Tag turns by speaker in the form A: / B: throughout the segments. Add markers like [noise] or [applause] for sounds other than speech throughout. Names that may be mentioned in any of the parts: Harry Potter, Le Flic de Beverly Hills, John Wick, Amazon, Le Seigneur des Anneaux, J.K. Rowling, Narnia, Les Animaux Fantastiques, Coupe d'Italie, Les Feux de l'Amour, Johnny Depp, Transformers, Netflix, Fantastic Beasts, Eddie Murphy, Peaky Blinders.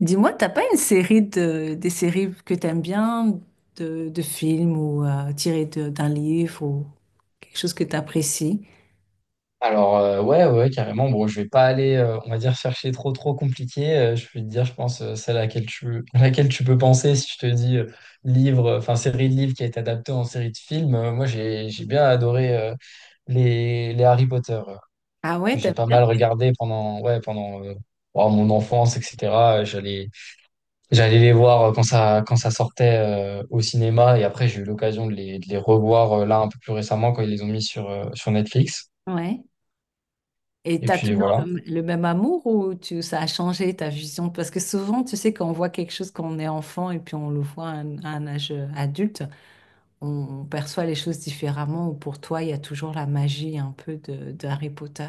A: Dis-moi, t'as pas une série de des séries que t'aimes bien de films ou tirées d'un livre ou quelque chose que t'apprécies?
B: Alors ouais, ouais, carrément, bon, je vais pas aller on va dire chercher trop trop compliqué. Je vais te dire, je pense celle à laquelle tu [laughs] à laquelle tu peux penser si je te dis livre, enfin, série de livres qui a été adaptée en série de films. Moi j'ai bien adoré les Harry Potter
A: Ah ouais,
B: que j'ai
A: t'aimes
B: pas
A: bien?
B: mal regardé pendant ouais pendant oh, mon enfance, etc. Euh, j'allais j'allais les voir quand ça sortait au cinéma, et après j'ai eu l'occasion de les revoir là un peu plus récemment quand ils les ont mis sur sur Netflix,
A: Ouais. Et
B: et
A: t'as
B: puis
A: toujours
B: voilà.
A: le même amour ou ça a changé ta vision? Parce que souvent, tu sais, quand on voit quelque chose quand on est enfant et puis on le voit à un âge adulte, on, on perçoit les choses différemment ou pour toi, il y a toujours la magie un peu de Harry Potter.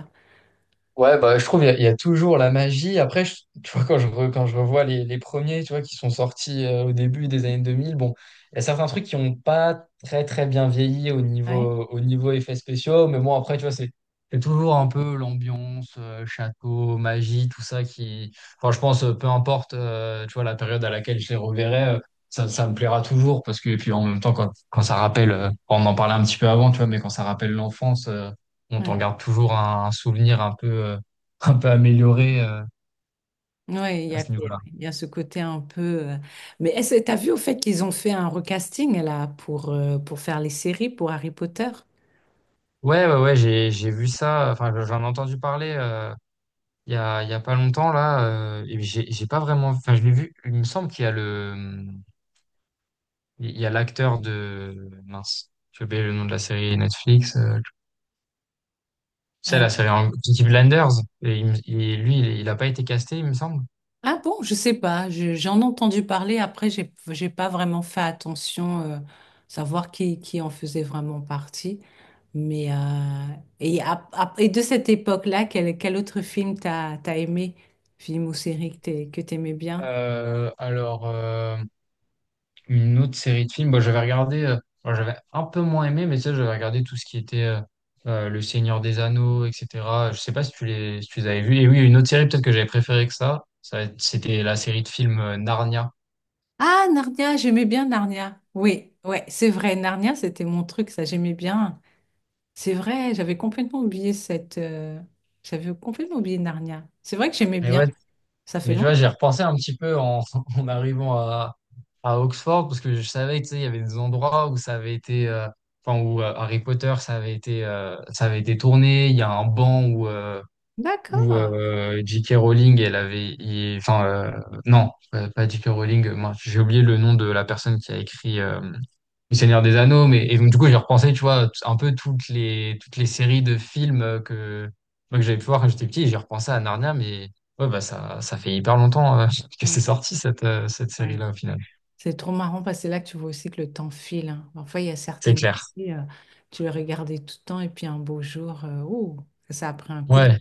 B: Ouais, bah, je trouve, il y a toujours la magie. Après, tu vois, quand je revois les premiers, tu vois, qui sont sortis au début des années 2000. Bon, il y a certains trucs qui n'ont pas très, très bien vieilli au
A: Ouais,
B: niveau, au niveau effets spéciaux. Mais bon, après, tu vois, c'est toujours un peu l'ambiance, château, magie, tout ça qui. Enfin, je pense, peu importe, tu vois, la période à laquelle je les reverrai, ça, ça me plaira toujours, parce que, et puis en même temps, quand ça rappelle, on en parlait un petit peu avant, tu vois, mais quand ça rappelle l'enfance, on t'en
A: ouais.
B: garde toujours un souvenir un peu, [laughs] un peu amélioré
A: Oui, il y
B: à
A: a,
B: ce
A: ouais,
B: niveau-là.
A: il y a ce côté un peu. euh, Mais est-ce que t'as vu au fait qu'ils ont fait un recasting là pour faire les séries pour Harry Potter?
B: Ouais, ouais, ouais, j'ai, vu ça. Enfin, j'en ai entendu parler il y a pas longtemps, là, et j'ai pas vraiment, enfin, je l'ai vu, il me semble qu'il y a le, il y a l'acteur mince, j'ai oublié le nom de la série Netflix, c'est
A: Euh,
B: la série Peaky Blinders, et lui, il a pas été casté, il me semble.
A: ah bon, je sais pas. J'en ai entendu parler. Après, j'ai pas vraiment fait attention savoir qui en faisait vraiment partie. Mais et de cette époque-là, quel autre film t'as aimé? Film ou série que que t'aimais bien?
B: Alors, une autre série de films, bah, j'avais regardé, bah, j'avais un peu moins aimé, mais tu sais, j'avais regardé tout ce qui était Le Seigneur des Anneaux, etc. Je sais pas si si tu les avais vus. Et oui, une autre série peut-être que j'avais préférée que ça, c'était la série de films Narnia.
A: Ah, Narnia, j'aimais bien Narnia. Oui, ouais, c'est vrai. Narnia, c'était mon truc, ça, j'aimais bien. C'est vrai, j'avais complètement oublié cette. J'avais complètement oublié Narnia. C'est vrai que j'aimais
B: Mais
A: bien.
B: ouais,
A: Ça fait
B: mais tu
A: longtemps.
B: vois, j'ai repensé un petit peu [laughs] en arrivant à Oxford, parce que je savais, tu sais, il y avait des endroits où ça avait été, enfin, où Harry Potter, ça avait été tourné. Il y a un banc où, euh, où
A: D'accord.
B: euh, J.K. Rowling, elle avait, enfin non, pas J.K. Rowling, moi j'ai oublié le nom de la personne qui a écrit Le Seigneur des Anneaux. Mais et donc, du coup j'ai repensé, tu vois, un peu toutes les séries de films que moi, que j'avais pu voir quand j'étais petit, et j'ai repensé à Narnia. Mais ouais, bah, ça fait hyper longtemps [laughs] que c'est
A: Ouais,
B: sorti cette cette
A: ouais.
B: série-là au final.
A: C'est trop marrant parce que c'est là que tu vois aussi que le temps file, hein. Parfois, il y a
B: C'est
A: certaines
B: clair.
A: filles, tu les regardais tout le temps et puis un beau jour, ouh, ça a pris un coup de.
B: Ouais.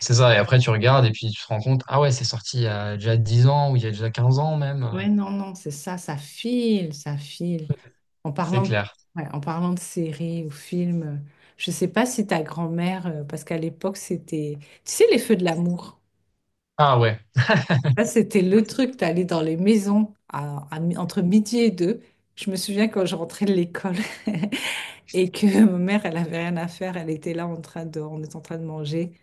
B: C'est ça, et après tu regardes et puis tu te rends compte, ah ouais, c'est sorti il y a déjà 10 ans, ou il y a déjà 15 ans même,
A: Ouais, non, non, c'est ça, ça file, ça file. En
B: c'est
A: parlant de,
B: clair.
A: ouais, en parlant de séries ou films, je ne sais pas si ta grand-mère, parce qu'à l'époque, c'était, tu sais, les feux de l'amour.
B: Ah ouais.
A: Ça c'était le truc, t'allais dans les maisons entre midi et deux. Je me souviens quand je rentrais de l'école [laughs] et que ma mère, elle avait rien à faire. Elle était là en train de, on était en train de manger.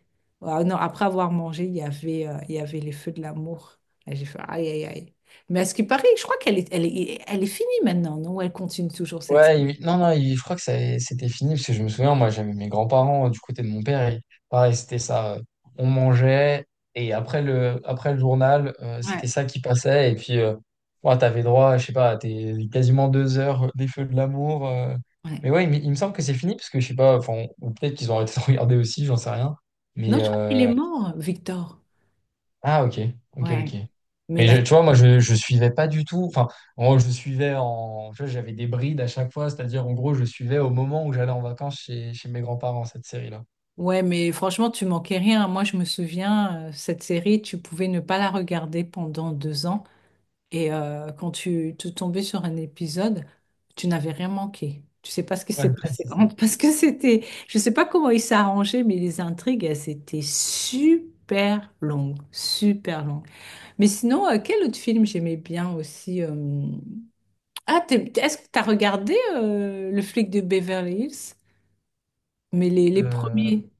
A: Ah non, après avoir mangé, il y avait les feux de l'amour. Là, j'ai fait aïe, aïe, aïe. Mais à ce qui paraît, je crois qu'elle est finie maintenant, non? Elle continue toujours cette.
B: Ouais, non, non, je crois que c'était fini, parce que je me souviens, moi, j'avais mes grands-parents du côté de mon père, et pareil, c'était ça. On mangeait, et après le, journal, c'était
A: Ouais.
B: ça qui passait, et puis, ouais, t'avais droit, je sais pas, t'es quasiment 2 heures des feux de l'amour. Mais
A: Ouais.
B: ouais, il me semble que c'est fini, parce que je sais pas, enfin, ou peut-être qu'ils ont arrêté de [laughs] regarder aussi, j'en sais rien.
A: Non,
B: Mais,
A: je crois qu'il est mort, Victor.
B: ah, ok, ok,
A: Ouais.
B: ok.
A: Mais
B: Mais
A: la,
B: tu vois, moi, je suivais pas du tout. Enfin, moi, je suivais en. Tu vois, j'avais des brides à chaque fois, c'est-à-dire, en gros, je suivais au moment où j'allais en vacances chez mes grands-parents, cette série-là.
A: ouais, mais franchement, tu manquais rien. Moi, je me souviens, cette série, tu pouvais ne pas la regarder pendant 2 ans. Et quand tu te tombais sur un épisode, tu n'avais rien manqué. Tu sais pas ce qui
B: Ouais,
A: s'est
B: [laughs]
A: passé.
B: c'est ça.
A: [laughs] Parce que c'était, je sais pas comment il s'est arrangé, mais les intrigues, elles étaient super longues. Super longues. Mais sinon, quel autre film j'aimais bien aussi. Ah, est-ce que tu as regardé Le flic de Beverly Hills? Mais les
B: Euh,
A: premiers.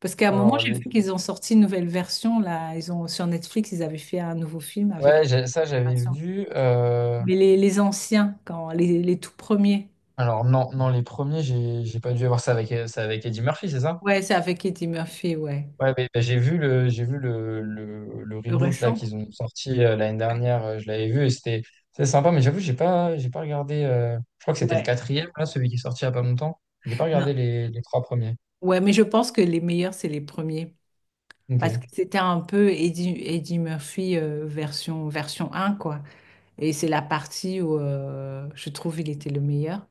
A: Parce qu'à un moment,
B: alors,
A: j'ai vu qu'ils ont sorti une nouvelle version, là. Ils ont, sur Netflix, ils avaient fait un nouveau film avec
B: ouais, ça, j'avais
A: l'animation.
B: vu.
A: Mais les anciens, quand, les tout premiers.
B: Alors, non, non, les premiers, j'ai pas dû avoir ça ça avec Eddie Murphy, c'est ça?
A: Ouais, c'est avec Eddie Murphy, ouais.
B: Ouais, mais bah, j'ai vu le
A: Le
B: reboot là
A: récent.
B: qu'ils ont sorti l'année
A: Ouais.
B: dernière. Je l'avais vu, et c'était sympa. Mais j'avoue, j'ai pas regardé. Je crois que c'était le
A: Ouais.
B: quatrième là, celui qui est sorti il y a pas longtemps. J'ai pas regardé
A: Non.
B: les trois premiers.
A: Ouais, mais je pense que les meilleurs, c'est les premiers.
B: Ok,
A: Parce que c'était un peu Eddie Murphy, version un quoi. Et c'est la partie où je trouve il était le meilleur.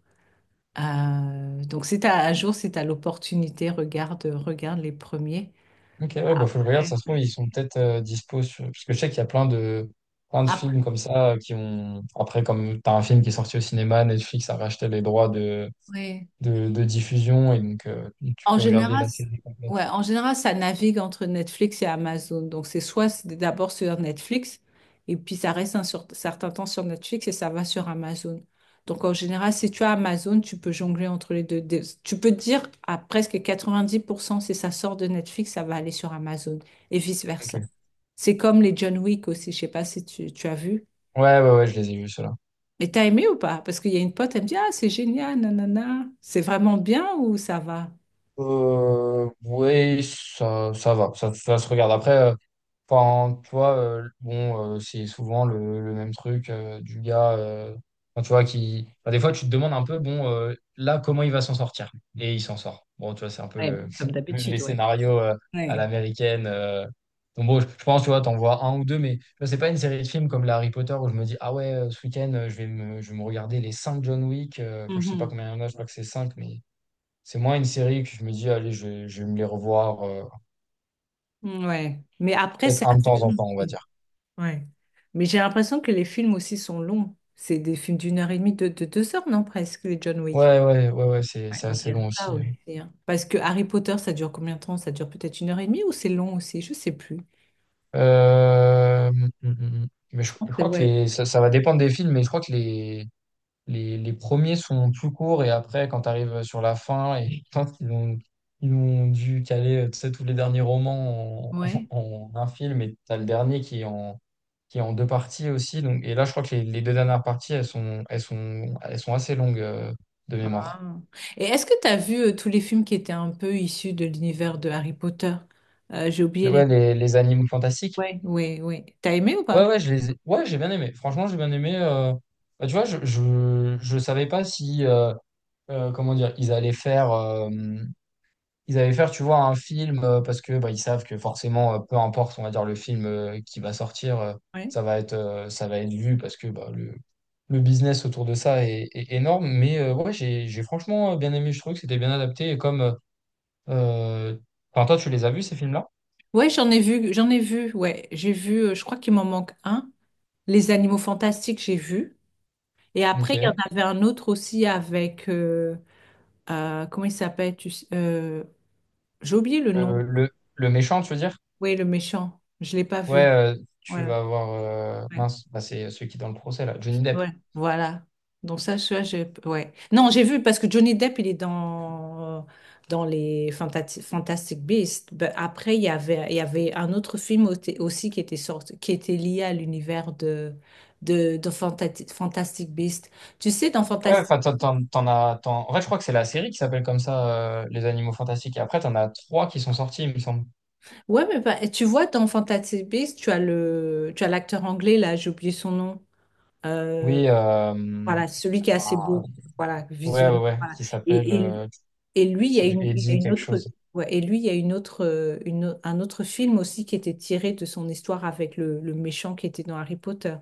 A: Donc si t'as un jour, si tu as l'opportunité, regarde les premiers.
B: ok, ouais, bah, faut le regarder.
A: Ouais,
B: Ça se trouve,
A: ouais.
B: ils sont peut-être dispo sur. Parce que je sais qu'il y a plein de
A: Après,
B: films comme ça qui ont. Après, comme t'as un film qui est sorti au cinéma, Netflix a racheté les droits de,
A: ouais.
B: de, de diffusion, et donc tu
A: En
B: peux regarder
A: général,
B: la série complète.
A: ouais, en général, ça navigue entre Netflix et Amazon. Donc c'est soit c'est d'abord sur Netflix et puis ça reste certain temps sur Netflix et ça va sur Amazon. Donc en général, si tu as Amazon, tu peux jongler entre les deux. Tu peux te dire à presque 90% si ça sort de Netflix, ça va aller sur Amazon et vice-versa.
B: Ok.
A: C'est comme les John Wick aussi. Je sais pas si tu as vu.
B: Ouais, ouais, ouais, je les ai vus, ceux
A: Mais t'as aimé ou pas? Parce qu'il y a une pote, elle me dit, ah, c'est génial, nanana. C'est vraiment bien ou ça va?
B: Euh, Oui, ça, ça va, ça se regarde. Après, enfin, tu vois, bon, c'est souvent le même truc du gars, enfin, tu vois, qui. Enfin, des fois, tu te demandes un peu, bon, là, comment il va s'en sortir? Et il s'en sort. Bon, tu vois, c'est un peu
A: Ouais, bon, comme
B: [laughs] les
A: d'habitude, ouais.
B: scénarios à
A: Ouais.
B: l'américaine. Donc, bon, je pense, tu vois, t'en vois un ou deux, mais tu vois, c'est pas une série de films comme les Harry Potter où je me dis, ah ouais, ce week-end, je vais me regarder les cinq John Wick. Enfin, je sais pas
A: Mhm.
B: combien il y en a, je crois que c'est cinq, mais. C'est moins une série que je me dis, allez, je vais me les revoir,
A: Ouais. Mais après, c'est
B: peut-être un de
A: assez
B: temps en
A: long.
B: temps, on va
A: aussi.
B: dire.
A: Ouais. Mais j'ai l'impression que les films aussi sont longs. C'est des films d'une heure et demie, de deux heures, non, presque, les John Wick.
B: Ouais, ouais, ouais, ouais, c'est
A: Ouais,
B: c'est
A: donc il y
B: assez
A: a
B: long
A: Ah
B: aussi, hein.
A: oui. Parce que Harry Potter, ça dure combien de temps? Ça dure peut-être une heure et demie ou c'est long aussi? Je sais plus.
B: Euh, hum, hum, hum. hum. Mais
A: Je
B: je,
A: pense
B: je
A: que c'est
B: crois que
A: ouais.
B: ça, ça va dépendre des films. Mais je crois que les premiers sont plus courts, et après, quand tu arrives sur la fin, et [laughs] quand ils ont dû caler, tu sais, tous les derniers romans
A: Ouais.
B: [laughs] en un film, et t'as le dernier qui est en deux parties aussi. Donc, et là, je crois que les deux dernières parties, elles sont assez longues, de mémoire.
A: Ah. Et est-ce que tu as vu tous les films qui étaient un peu issus de l'univers de Harry Potter? J'ai oublié les
B: Ouais,
A: noms.
B: les Animaux Fantastiques.
A: Ouais, ouais, ouais. T'as aimé ou
B: Ouais,
A: pas?
B: ouais, ouais, j'ai bien aimé. Franchement, j'ai bien aimé. Bah, tu vois, je savais pas si, comment dire, ils allaient faire, tu vois, un film parce que bah, ils savent que forcément, peu importe, on va dire, le film qui va sortir,
A: Ouais.
B: ça va être vu, parce que bah, le business autour de ça est énorme. Mais ouais, j'ai franchement bien aimé. Je trouvais que c'était bien adapté. Et comme, euh, enfin, toi, tu les as vus, ces films-là?
A: Ouais, j'en ai vu, j'en ai vu. Ouais, j'ai vu. Je crois qu'il m'en manque un. Les Animaux Fantastiques, j'ai vu. Et après, il y en
B: Ok.
A: avait un autre aussi avec comment il s'appelle? J'ai oublié le
B: Le,
A: nom.
B: le, le méchant, tu veux dire?
A: Oui, le méchant. Je l'ai pas
B: Ouais,
A: vu.
B: tu
A: Voilà.
B: vas avoir.
A: Ouais.
B: Mince, bah, c'est celui qui est dans le procès, là, Johnny Depp.
A: Ouais, voilà. Donc ça, j'ai... Ouais. Non, j'ai vu parce que Johnny Depp, il est dans les Fantastic Beasts. Ben, après, il y avait un autre film aussi qui était sorti, qui était lié à l'univers de Fantastic Beasts. Tu sais, dans
B: Ouais,
A: Fantastic...
B: enfin, t'en as. En fait, je crois que c'est la série qui s'appelle comme ça, Les Animaux Fantastiques. Et après, t'en as trois qui sont sortis, il me semble.
A: Ouais, mais tu vois, dans Fantastic Beasts, tu as tu as l'acteur anglais, là, j'ai oublié son nom. Euh,
B: Oui,
A: Voilà, celui qui est assez
B: ah,
A: beau, voilà,
B: ouais, ouais,
A: visuellement.
B: ouais,
A: voilà.
B: qui s'appelle.
A: Et, et, et lui, il
B: Je
A: y a
B: sais plus,
A: une, il y a
B: Eddie,
A: une
B: quelque
A: autre,
B: chose.
A: ouais, et lui, il y a une autre, une, un autre film aussi qui était tiré de son histoire avec le méchant qui était dans Harry Potter.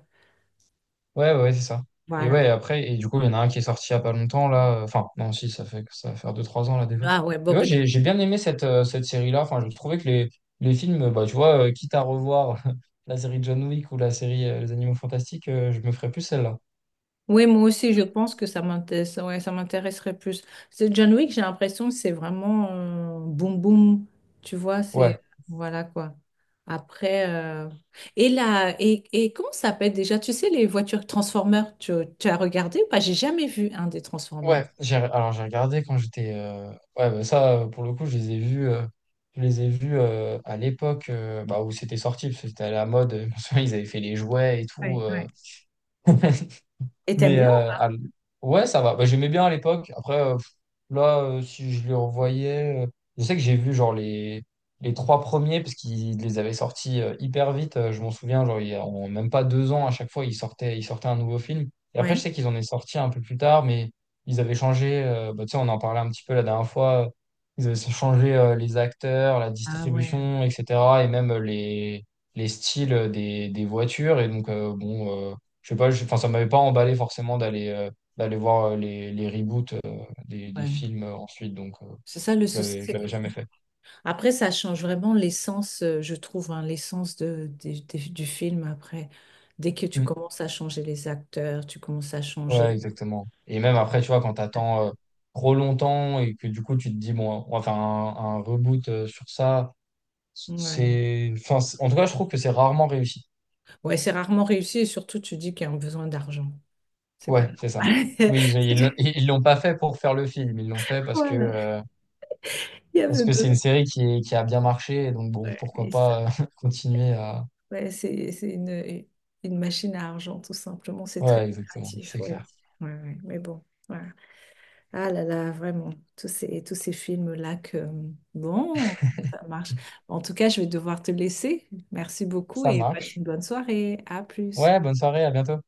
B: Ouais, ouais, c'est ça. Et
A: Voilà.
B: ouais, après, et du coup, il y en a un qui est sorti il y a pas longtemps, là. Enfin, non, si, ça va faire deux trois ans, là, déjà.
A: Ah ouais, bon,
B: Mais ouais, j'ai bien aimé cette, cette série-là. Enfin, je trouvais que les films, bah, tu vois, quitte à revoir [laughs] la série John Wick ou la série Les Animaux Fantastiques, je me ferais plus celle-là.
A: Oui, moi aussi, je pense que ça m'intéresse, ouais, ça m'intéresserait plus. C'est John Wick, j'ai l'impression que c'est vraiment boum boum, tu vois, c'est
B: Ouais,
A: voilà quoi. Après, et là, et comment ça s'appelle déjà? Tu sais, les voitures Transformers, tu as regardé ou pas? J'ai jamais vu un des Transformers.
B: ouais. Alors, j'ai regardé quand j'étais. Ouais, bah, ça, pour le coup, je les ai vus. Je les ai vus à l'époque bah, où c'était sorti, parce que c'était à la mode. [laughs] Ils avaient fait les jouets et tout.
A: Ouais, ouais.
B: [laughs]
A: Et t'aimes
B: Mais
A: bien?
B: ouais, ça va. Bah, j'aimais bien à l'époque. Après, là, si je les revoyais, je sais que j'ai vu genre les, trois premiers, parce qu'ils les avaient sortis hyper vite. Je m'en souviens, genre, en même pas 2 ans, à chaque fois, ils sortaient un nouveau film. Et après, je
A: Ouais,
B: sais qu'ils en ont sorti un peu plus tard, mais ils avaient changé. Bah, tu sais, on en parlait un petit peu la dernière fois. Ils avaient changé les acteurs, la
A: ah ouais,
B: distribution, etc. Et même les styles des voitures. Et donc, bon. Je sais pas, enfin, ça m'avait pas emballé forcément d'aller d'aller voir les reboots des
A: ouais.
B: films ensuite, donc
A: C'est ça le
B: je
A: souci.
B: l'avais, je
A: c'est
B: l'avais jamais fait.
A: après, ça change vraiment l'essence, je trouve, hein, l'essence du film après. Dès que tu
B: Mm.
A: commences à changer les acteurs, tu commences à
B: Ouais,
A: changer.
B: exactement. Et même après, tu vois, quand t'attends trop longtemps et que du coup, tu te dis, bon, on va faire un reboot sur ça,
A: Ouais,
B: enfin, en tout cas, je trouve que c'est rarement réussi.
A: ouais, c'est rarement réussi et surtout tu dis qu'il y a un besoin d'argent. C'est pas
B: Ouais, c'est ça.
A: normal.
B: Oui, ils ils l'ont
A: [laughs]
B: ils l'ont pas fait pour faire le film, ils l'ont fait
A: Voilà, il y
B: parce
A: avait
B: que c'est
A: besoin.
B: une série qui a bien marché, et donc bon,
A: Ouais,
B: pourquoi
A: et
B: pas [laughs] continuer à.
A: ouais, c'est une machine à argent, tout simplement. C'est très
B: Ouais, exactement,
A: créatif,
B: c'est
A: ouais.
B: clair.
A: Ouais, ouais, mais bon. Ouais. Ah là là, vraiment, tous ces films-là que, bon, ça marche. En tout cas, je vais devoir te laisser. Merci beaucoup
B: Ça
A: et passe
B: marche.
A: une bonne soirée. À plus.
B: Ouais, bonne soirée, à bientôt.